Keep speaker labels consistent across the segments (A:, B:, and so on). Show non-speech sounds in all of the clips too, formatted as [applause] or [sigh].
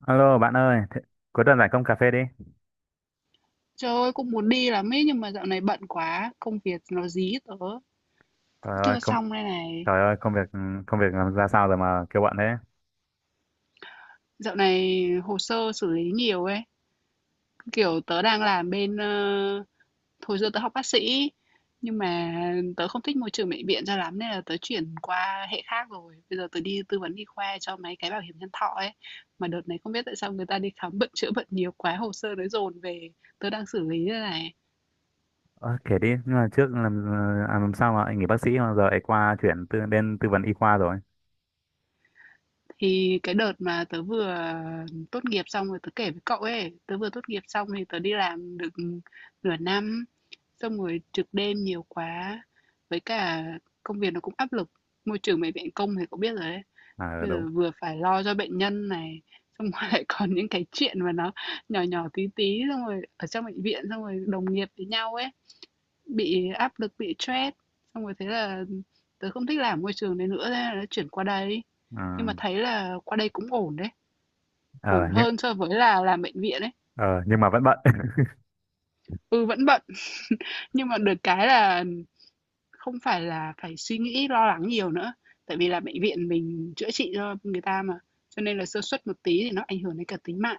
A: Alo bạn ơi, cuối tuần rảnh không, cà phê đi.
B: Trời ơi, cũng muốn đi lắm ấy nhưng mà dạo này bận quá, công việc nó dí tớ
A: Trời ơi,
B: chưa xong đây này.
A: trời ơi, công việc làm ra sao rồi mà kêu bận thế?
B: Dạo này hồ sơ xử lý nhiều ấy, kiểu tớ đang làm bên hồi xưa tớ học bác sĩ nhưng mà tớ không thích môi trường bệnh viện cho lắm nên là tớ chuyển qua hệ khác rồi. Bây giờ tớ đi tư vấn y khoa cho mấy cái bảo hiểm nhân thọ ấy. Mà đợt này không biết tại sao người ta đi khám bệnh chữa bệnh nhiều quá, hồ sơ nó dồn về, tớ đang xử lý đây này.
A: Ờ, kể đi, nhưng mà làm sao mà anh nghỉ bác sĩ mà giờ ấy qua chuyển tư, đến tư vấn y khoa rồi.
B: Thì cái đợt mà tớ vừa tốt nghiệp xong rồi tớ kể với cậu ấy, tớ vừa tốt nghiệp xong thì tớ đi làm được nửa năm, xong rồi trực đêm nhiều quá, với cả công việc nó cũng áp lực. Môi trường bệnh viện công thì cậu biết rồi đấy,
A: À
B: bây
A: đúng.
B: giờ vừa phải lo cho bệnh nhân này, xong rồi [laughs] lại còn những cái chuyện mà nó nhỏ nhỏ tí tí, xong rồi ở trong bệnh viện, xong rồi đồng nghiệp với nhau ấy. Bị áp lực, bị stress, xong rồi thế là tớ không thích làm môi trường đấy nữa, thế là tớ chuyển qua đây.
A: Ừ.
B: Nhưng mà thấy là qua đây cũng ổn đấy, ổn
A: Ờ nhưng
B: hơn so với là làm bệnh viện đấy.
A: ờ nhưng mà vẫn bận. [laughs]
B: Ừ, vẫn bận, nhưng mà được cái là không phải là phải suy nghĩ lo lắng nhiều nữa. Tại vì là bệnh viện mình chữa trị cho người ta mà, cho nên là sơ suất một tí thì nó ảnh hưởng đến cả tính mạng.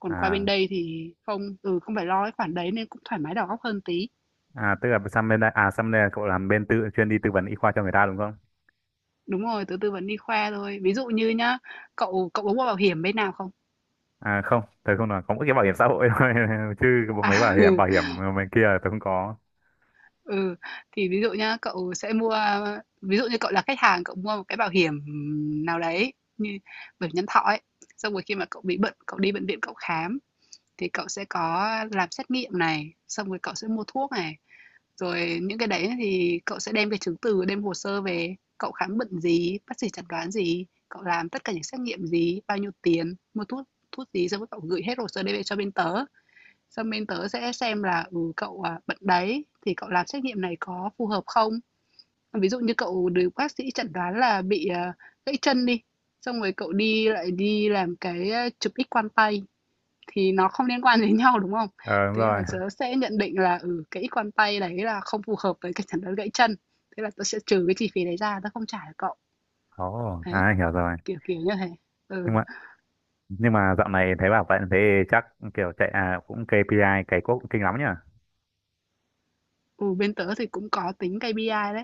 B: Còn qua bên
A: À
B: đây thì không, không phải lo cái khoản đấy nên cũng thoải mái đầu óc hơn tí.
A: à tức là sang bên đây à sang đây là cậu làm bên tư, chuyên đi tư vấn y khoa cho người ta đúng không?
B: Đúng rồi, tớ tư vấn đi khoa thôi. Ví dụ như nhá, cậu cậu có mua bảo hiểm bên nào không?
A: À không, tớ không, là có mỗi cái bảo hiểm xã hội thôi, [laughs] chứ mấy bảo
B: À,
A: hiểm
B: ừ,
A: bảo hiểm bên kia là tớ không có.
B: ừ, thì ví dụ nhá, cậu sẽ mua ví dụ như cậu là khách hàng, cậu mua một cái bảo hiểm nào đấy như bảo hiểm nhân thọ ấy, xong rồi khi mà cậu bị bệnh, cậu đi bệnh viện cậu khám thì cậu sẽ có làm xét nghiệm này, xong rồi cậu sẽ mua thuốc này, rồi những cái đấy thì cậu sẽ đem cái chứng từ, đem hồ sơ về, cậu khám bệnh gì, bác sĩ chẩn đoán gì, cậu làm tất cả những xét nghiệm gì, bao nhiêu tiền, mua thuốc thuốc gì, xong rồi cậu gửi hết hồ sơ đấy về cho bên tớ. Xong bên tớ sẽ xem là, cậu, bệnh đấy thì cậu làm xét nghiệm này có phù hợp không? Ví dụ như cậu được bác sĩ chẩn đoán là bị, gãy chân đi, xong rồi cậu đi lại đi làm cái, chụp X quang tay thì nó không liên quan đến nhau, đúng không?
A: Ờ đúng
B: Thế
A: rồi.
B: là tớ sẽ nhận định là, cái X quang tay đấy là không phù hợp với cái chẩn đoán gãy chân, thế là tớ sẽ trừ cái chi phí đấy ra, tớ không trả cho cậu.
A: Ồ,
B: Đấy,
A: à hiểu rồi.
B: kiểu như thế.
A: Nhưng
B: Ừ,
A: mà, nhưng mà dạo này thấy bảo vậy thế chắc kiểu chạy à cũng KPI cày cuốc cũng kinh lắm nhỉ.
B: ừ, bên tớ thì cũng có tính B.I đấy.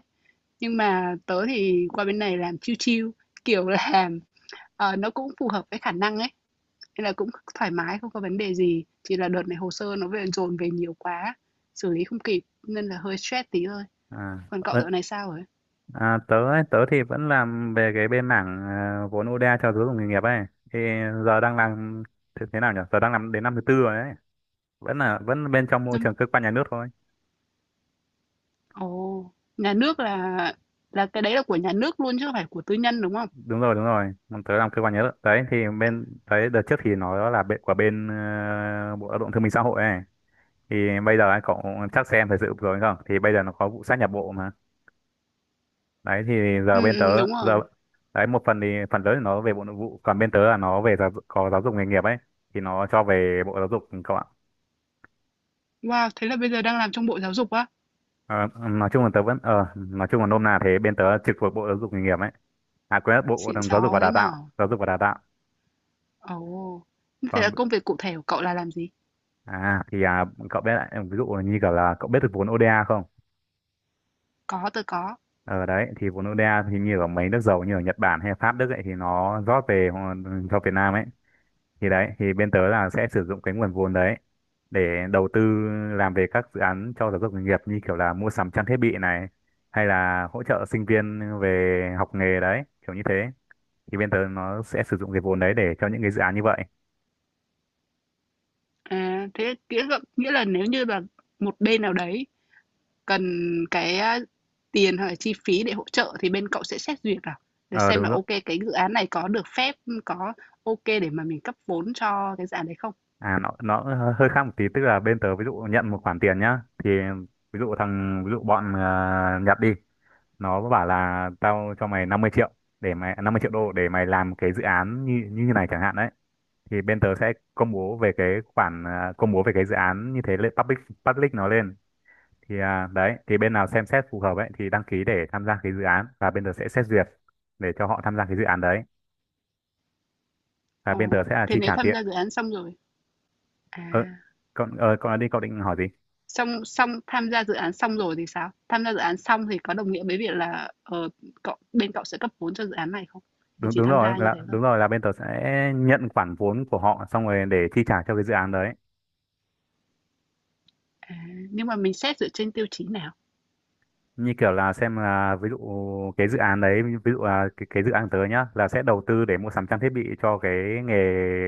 B: Nhưng mà tớ thì qua bên này làm chill chill, kiểu là, nó cũng phù hợp với khả năng ấy, nên là cũng thoải mái, không có vấn đề gì. Chỉ là đợt này hồ sơ nó về dồn về nhiều quá, xử lý không kịp nên là hơi stress tí thôi.
A: À,
B: Còn cậu
A: ơ,
B: dạo này sao rồi?
A: à Tớ ấy, tớ thì vẫn làm về cái bên mảng vốn ODA cho giáo dục nghề nghiệp ấy, thì giờ đang làm, thế nào nhỉ, giờ đang làm đến năm thứ tư rồi đấy, vẫn bên trong môi
B: Năm
A: trường cơ quan nhà nước thôi.
B: Ồ, nhà nước là cái đấy là của nhà nước luôn chứ không phải của tư nhân đúng không?
A: Đúng rồi, đúng rồi. Bọn tớ làm cơ quan nhà nước đấy, thì bên đấy đợt trước thì nó là bên của bên bộ Lao động Thương binh Xã hội ấy, thì bây giờ ấy, cậu chắc xem thời sự vừa rồi không, thì bây giờ nó có vụ sát nhập bộ mà. Đấy thì giờ
B: Ừ,
A: bên tớ,
B: ừ, đúng
A: giờ
B: rồi.
A: đấy một phần thì phần lớn thì nó về bộ Nội vụ, còn bên tớ là nó về có giáo dục nghề nghiệp ấy, thì nó cho về bộ Giáo dục các bạn.
B: Wow, thế là bây giờ đang làm trong Bộ Giáo dục á?
A: Ờ, nói chung là tớ vẫn, nói chung là nôm na thế, bên tớ trực thuộc bộ giáo dục nghề nghiệp ấy, à quên, bộ
B: Xịn
A: Giáo dục và
B: sò
A: Đào
B: thế nhở?
A: tạo, giáo dục và đào tạo.
B: Ồ, thế là
A: Còn
B: công việc cụ thể của cậu là làm gì?
A: à thì cậu biết, lại ví dụ như kiểu là cậu biết được vốn ODA không?
B: Có, tôi có.
A: Ờ đấy thì vốn ODA thì như ở mấy nước giàu như ở Nhật Bản hay Pháp, Đức ấy, thì nó rót về cho Việt Nam ấy, thì đấy thì bên tớ là sẽ sử dụng cái nguồn vốn đấy để đầu tư, làm về các dự án cho giáo dục nghề nghiệp, như kiểu là mua sắm trang thiết bị này, hay là hỗ trợ sinh viên về học nghề đấy, kiểu như thế. Thì bên tớ nó sẽ sử dụng cái vốn đấy để cho những cái dự án như vậy.
B: À, thế nghĩa là, nếu như là một bên nào đấy cần cái tiền hoặc là chi phí để hỗ trợ thì bên cậu sẽ xét duyệt à? Để
A: Ờ
B: xem là
A: đúng rồi.
B: ok cái dự án này có được phép, có ok để mà mình cấp vốn cho cái dự án đấy không?
A: À nó hơi hơi khác một tí, tức là bên tớ ví dụ nhận một khoản tiền nhá, thì ví dụ bọn Nhật đi, nó bảo là tao cho mày 50 triệu, để mày 50 triệu đô để mày làm cái dự án như như thế này chẳng hạn đấy, thì bên tớ sẽ công bố về cái dự án như thế lên public public nó lên, thì đấy thì bên nào xem xét phù hợp ấy thì đăng ký để tham gia cái dự án, và bên tớ sẽ xét duyệt để cho họ tham gia cái dự án đấy, và
B: Ờ,
A: bên tớ sẽ là
B: thế
A: chi
B: nếu
A: trả
B: tham
A: tiền.
B: gia dự án xong rồi,
A: ờ,
B: à,
A: Còn đi, cậu định hỏi gì?
B: xong xong tham gia dự án xong rồi thì sao? Tham gia dự án xong thì có đồng nghĩa với việc là ờ, cậu bên cậu sẽ cấp vốn cho dự án này không? Thì
A: Đúng
B: chỉ
A: đúng
B: tham
A: rồi
B: gia như
A: là
B: thế thôi.
A: Đúng rồi, là bên tớ sẽ nhận khoản vốn của họ xong rồi để chi trả cho cái dự án đấy.
B: À, nhưng mà mình xét dựa trên tiêu chí nào?
A: Như kiểu là xem là, ví dụ cái dự án đấy, ví dụ là cái dự án tớ nhá là sẽ đầu tư để mua sắm trang thiết bị cho cái nghề,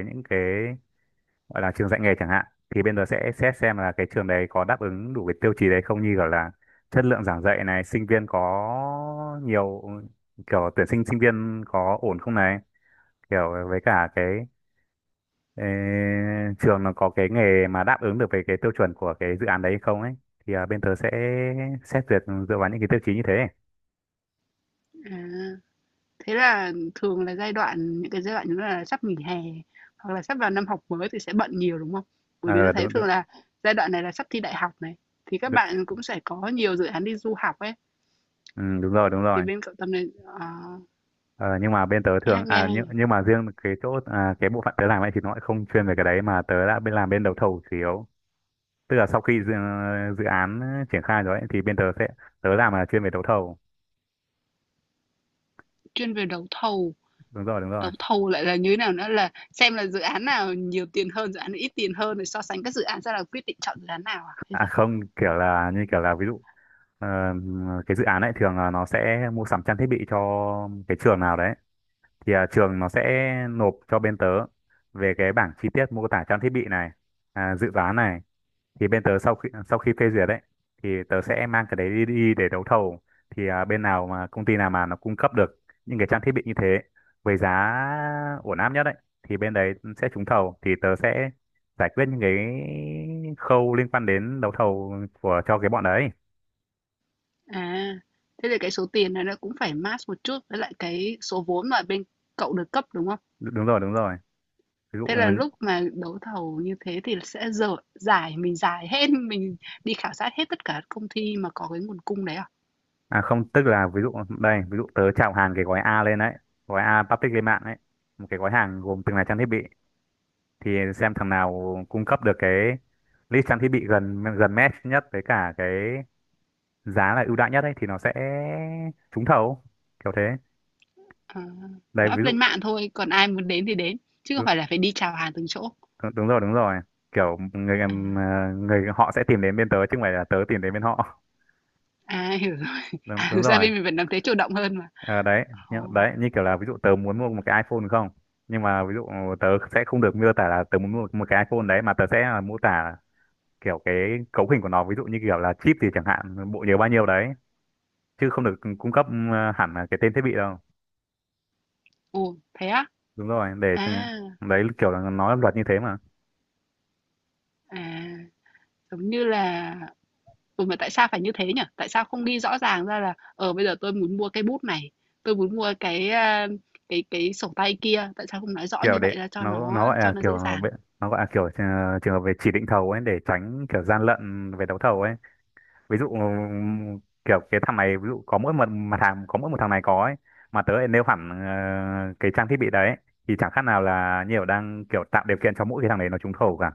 A: những cái gọi là trường dạy nghề chẳng hạn, thì bên đó sẽ xét xem là cái trường đấy có đáp ứng đủ cái tiêu chí đấy không, như gọi là chất lượng giảng dạy này, sinh viên có nhiều, kiểu tuyển sinh sinh viên có ổn không này, kiểu với cả cái ê, trường nó có cái nghề mà đáp ứng được với cái tiêu chuẩn của cái dự án đấy không ấy, thì bên tớ sẽ xét duyệt dựa vào những cái tiêu chí như thế.
B: À, thế là thường là giai đoạn những cái giai đoạn như là sắp nghỉ hè hoặc là sắp vào năm học mới thì sẽ bận nhiều, đúng không? Bởi vì tớ
A: Ờ
B: thấy
A: đúng,
B: thường
A: đúng,
B: là giai đoạn này là sắp thi đại học này, thì các
A: đúng,
B: bạn cũng sẽ có nhiều dự án đi du học ấy,
A: ừ, đúng rồi, đúng
B: thì
A: rồi.
B: bên cậu Tâm này, ờ,
A: Ờ, nhưng mà bên tớ thường
B: nghe
A: à,
B: hay nhỉ?
A: nhưng mà riêng cái chỗ à, cái bộ phận tớ làm ấy thì nó lại không chuyên về cái đấy, mà tớ đã bên, làm bên đấu thầu chủ yếu. Tức là sau khi dự án triển khai rồi ấy, thì bên tớ sẽ, tớ làm là chuyên về đấu thầu.
B: Chuyên về
A: Đúng rồi, đúng rồi.
B: đấu thầu lại là như thế nào nữa là xem là dự án nào nhiều tiền hơn, dự án nào ít tiền hơn rồi so sánh các dự án ra là quyết định chọn dự án nào à? Hay
A: À
B: sao?
A: không, kiểu là, như kiểu là ví dụ ờ, cái dự án ấy thường là nó sẽ mua sắm trang thiết bị cho cái trường nào đấy, thì trường nó sẽ nộp cho bên tớ về cái bảng chi tiết mô tả trang thiết bị này, dự toán này, thì bên tớ sau khi phê duyệt đấy, thì tớ sẽ mang cái đấy đi, để đấu thầu. Thì bên nào mà, công ty nào mà nó cung cấp được những cái trang thiết bị như thế với giá ổn áp nhất đấy, thì bên đấy sẽ trúng thầu, thì tớ sẽ giải quyết những cái khâu liên quan đến đấu thầu của, cho cái bọn đấy.
B: À, thế thì cái số tiền này nó cũng phải match một chút với lại cái số vốn mà bên cậu được cấp, đúng không?
A: Đúng rồi, đúng rồi, ví dụ.
B: Thế là lúc mà đấu thầu như thế thì sẽ dở giải mình giải hết, [laughs] mình đi khảo sát hết tất cả các công ty mà có cái nguồn cung đấy à?
A: À không, tức là ví dụ đây, ví dụ tớ chào hàng cái gói A lên đấy, gói A public lên mạng đấy, một cái gói hàng gồm từng là trang thiết bị, thì xem thằng nào cung cấp được cái list trang thiết bị gần gần match nhất với cả cái giá là ưu đãi nhất ấy thì nó sẽ trúng thầu, kiểu thế.
B: À,
A: Đấy
B: là
A: ví
B: up lên
A: dụ.
B: mạng thôi, còn ai muốn đến thì đến, chứ không
A: Đúng,
B: phải là phải đi chào hàng từng chỗ.
A: đúng rồi, đúng rồi, kiểu người
B: À,
A: người họ sẽ tìm đến bên tớ chứ không phải là tớ tìm đến bên họ.
B: à [laughs] hiểu rồi.
A: Đúng,
B: À,
A: đúng
B: thực ra
A: rồi.
B: bên mình vẫn làm thế chủ động hơn mà.
A: Ờ, đấy,
B: Ồ,
A: như kiểu là ví dụ tớ muốn mua một cái iPhone, đúng không, nhưng mà ví dụ tớ sẽ không được miêu tả là tớ muốn mua một cái iPhone đấy, mà tớ sẽ là mô tả kiểu cái cấu hình của nó, ví dụ như kiểu là chip gì chẳng hạn, bộ nhớ bao nhiêu đấy, chứ không được cung cấp hẳn là cái tên thiết bị đâu.
B: ồ thế á?
A: Đúng rồi, để ừ,
B: À,
A: đấy kiểu là nó là luật như thế mà.
B: à giống như là. Ừ, mà tại sao phải như thế nhỉ? Tại sao không đi rõ ràng ra là bây giờ tôi muốn mua cái bút này, tôi muốn mua cái à, cái cái sổ tay kia, tại sao không nói rõ
A: Kiểu
B: như
A: để
B: vậy ra cho
A: nó nó
B: nó
A: gọi
B: cho
A: là
B: nó
A: kiểu
B: dễ dàng?
A: nó gọi là kiểu trường hợp về chỉ định thầu ấy, để tránh kiểu gian lận về đấu thầu ấy. Ví dụ kiểu cái thằng này, ví dụ có mỗi một mặt hàng, có mỗi một thằng này có ấy, mà tớ lại nêu hẳn cái trang thiết bị đấy, thì chẳng khác nào là nhiều, đang kiểu tạo điều kiện cho mỗi cái thằng đấy nó trúng thầu cả.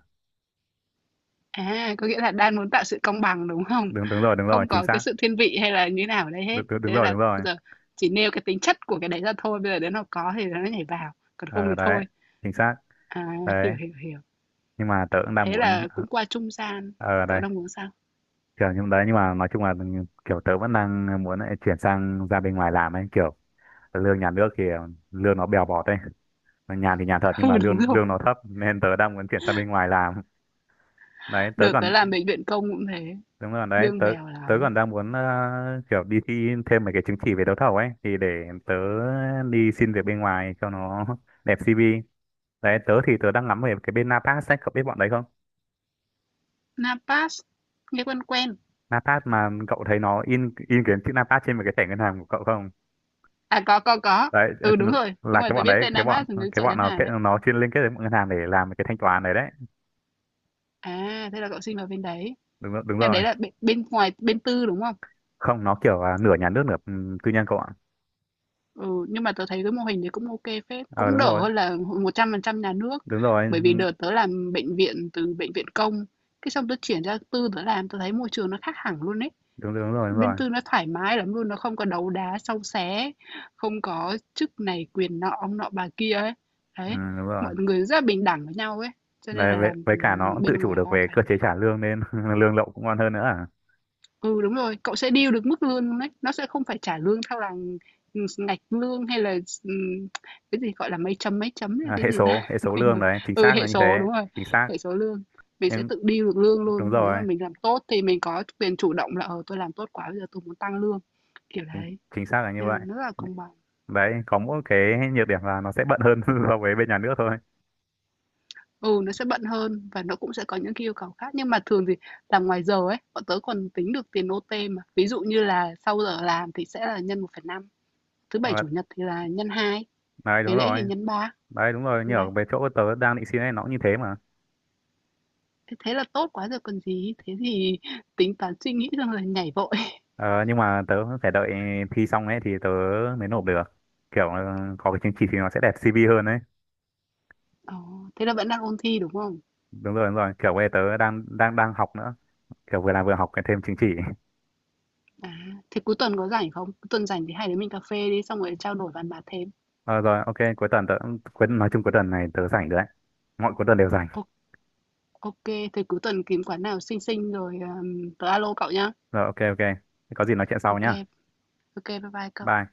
B: À, có nghĩa là đang muốn tạo sự công bằng đúng không?
A: Đúng, đúng rồi, đúng rồi,
B: Không
A: chính
B: có cái
A: xác.
B: sự thiên vị hay là như nào ở đây hết.
A: Đúng, đúng, đúng
B: Thế nên
A: rồi,
B: là
A: đúng rồi.
B: bây giờ chỉ nêu cái tính chất của cái đấy ra thôi, bây giờ đến nó có thì nó nhảy vào, còn không
A: Ờ,
B: thì
A: đấy,
B: thôi.
A: chính xác.
B: À,
A: Đấy,
B: hiểu hiểu hiểu.
A: nhưng mà tớ cũng đang
B: Thế
A: muốn,
B: là cũng qua trung gian.
A: ờ
B: Cậu
A: đây,
B: đang muốn sao?
A: kiểu nhưng đấy nhưng mà nói chung là kiểu tớ vẫn đang muốn lại chuyển sang ra bên ngoài làm ấy, kiểu lương nhà nước thì lương nó bèo bọt ấy, nhàn thì nhàn thật
B: [laughs]
A: nhưng
B: Ừ
A: mà
B: đúng
A: lương
B: rồi.
A: lương nó thấp, nên tớ đang muốn chuyển sang bên ngoài làm. Đấy, tớ
B: Đợt tới
A: còn.
B: làm bệnh viện công cũng thế,
A: Đúng rồi đấy,
B: bương
A: tớ
B: bèo
A: tớ
B: lắm.
A: còn đang muốn kiểu đi thi thêm mấy cái chứng chỉ về đấu thầu ấy, thì để tớ đi xin việc bên ngoài cho nó [laughs] đẹp CV. Đấy, tớ thì tớ đang ngắm về cái bên Napas ấy, cậu biết bọn đấy không?
B: Napas, nghe quen quen.
A: Napas mà cậu thấy nó in cái chữ Napas trên một cái thẻ ngân hàng của cậu không?
B: À, có, có.
A: Đấy
B: Ừ, đúng
A: là
B: rồi,
A: cái
B: tôi
A: bọn
B: biết
A: đấy,
B: tên Napas là nước
A: cái
B: chảy
A: bọn
B: ngắn
A: nó
B: Hàn
A: kết,
B: đấy.
A: nó chuyên liên kết với bọn ngân hàng để làm cái thanh toán đấy đấy.
B: À, thế là cậu sinh vào bên đấy.
A: Đúng rồi, đúng
B: Nhà đấy
A: rồi.
B: là bên ngoài, bên tư đúng không?
A: Không, nó kiểu à, nửa nhà nước nửa ừ, tư nhân cậu ạ.
B: Ừ, nhưng mà tớ thấy cái mô hình đấy cũng ok phết.
A: Ờ
B: Cũng
A: đúng
B: đỡ
A: rồi.
B: hơn là 100% nhà nước.
A: Đúng rồi.
B: Bởi vì
A: Đúng,
B: đợt tớ làm bệnh viện từ bệnh viện công. Cái xong tớ chuyển ra tư tớ làm, tớ thấy môi trường nó khác hẳn luôn ấy.
A: đúng, đúng rồi, đúng
B: Bên
A: rồi.
B: Tư nó thoải mái lắm luôn, nó không có đấu đá xâu xé, không có chức này quyền nọ, ông nọ bà kia ấy.
A: Ừ,
B: Đấy,
A: đúng rồi.
B: mọi người rất là bình đẳng với nhau ấy, cho nên
A: Đấy,
B: là làm
A: với cả nó cũng
B: bên
A: tự chủ
B: ngoài khá
A: được về
B: thoải
A: cơ chế
B: mái.
A: trả lương nên [laughs] lậu cũng ngon hơn nữa, à,
B: Ừ, đúng rồi, cậu sẽ deal được mức lương luôn đấy, nó sẽ không phải trả lương theo là ngạch lương hay là ừm, cái gì gọi là mấy chấm hay
A: à
B: cái
A: hệ
B: gì ta
A: số, hệ
B: [laughs]
A: số
B: quên
A: lương
B: rồi.
A: đấy, chính
B: Ừ,
A: xác là
B: hệ
A: như thế.
B: số đúng rồi.
A: Chính xác.
B: Hệ số lương mình sẽ
A: nhưng
B: tự deal được lương
A: Đúng
B: luôn nếu mà
A: rồi.
B: mình làm tốt thì mình có quyền chủ động là tôi làm tốt quá bây giờ tôi muốn tăng lương kiểu
A: chính,
B: đấy.
A: Chính xác là như
B: Nên
A: vậy.
B: là nó rất là công bằng.
A: Đấy có mỗi cái nhược điểm là nó sẽ bận hơn [laughs] so với bên nhà nước thôi.
B: Ừ, nó sẽ bận hơn và nó cũng sẽ có những cái yêu cầu khác, nhưng mà thường thì làm ngoài giờ ấy, bọn tớ còn tính được tiền OT mà. Ví dụ như là sau giờ làm thì sẽ là nhân 1,5, thứ
A: Ờ,
B: Bảy, Chủ nhật thì là nhân 2,
A: đấy, đúng
B: ngày lễ thì
A: rồi.
B: nhân 3,
A: Đấy đúng rồi,
B: ừ,
A: như
B: đấy.
A: ở về chỗ tớ đang định xin ấy nó cũng như thế mà.
B: Thế thế là tốt quá rồi còn gì, thế thì tính toán suy nghĩ xong rồi nhảy vội. [laughs]
A: Ờ, nhưng mà tớ phải đợi thi xong ấy thì tớ mới nộp được, kiểu ờ, có cái chứng chỉ thì nó sẽ đẹp CV hơn đấy.
B: Ờ, thế là vẫn đang ôn thi đúng không?
A: Đúng rồi, đúng rồi, kiểu bây giờ tớ đang đang đang học nữa, kiểu vừa làm vừa học cái thêm chứng chỉ.
B: À, thế cuối tuần có rảnh không? Cuối tuần rảnh thì hai đứa mình cà phê đi xong rồi trao đổi bàn bạc thêm.
A: Ờ rồi, ok, cuối tuần tớ, cuối, nói chung cuối tuần này tớ rảnh rồi đấy. Mọi cuối tuần đều rảnh.
B: Ô- Ok, thế cuối tuần kiếm quán nào xinh xinh rồi tớ alo cậu nhá.
A: Rồi, ok, ok. Thế có gì nói chuyện sau
B: Ok,
A: nhá.
B: Ok bye bye cậu
A: Bye.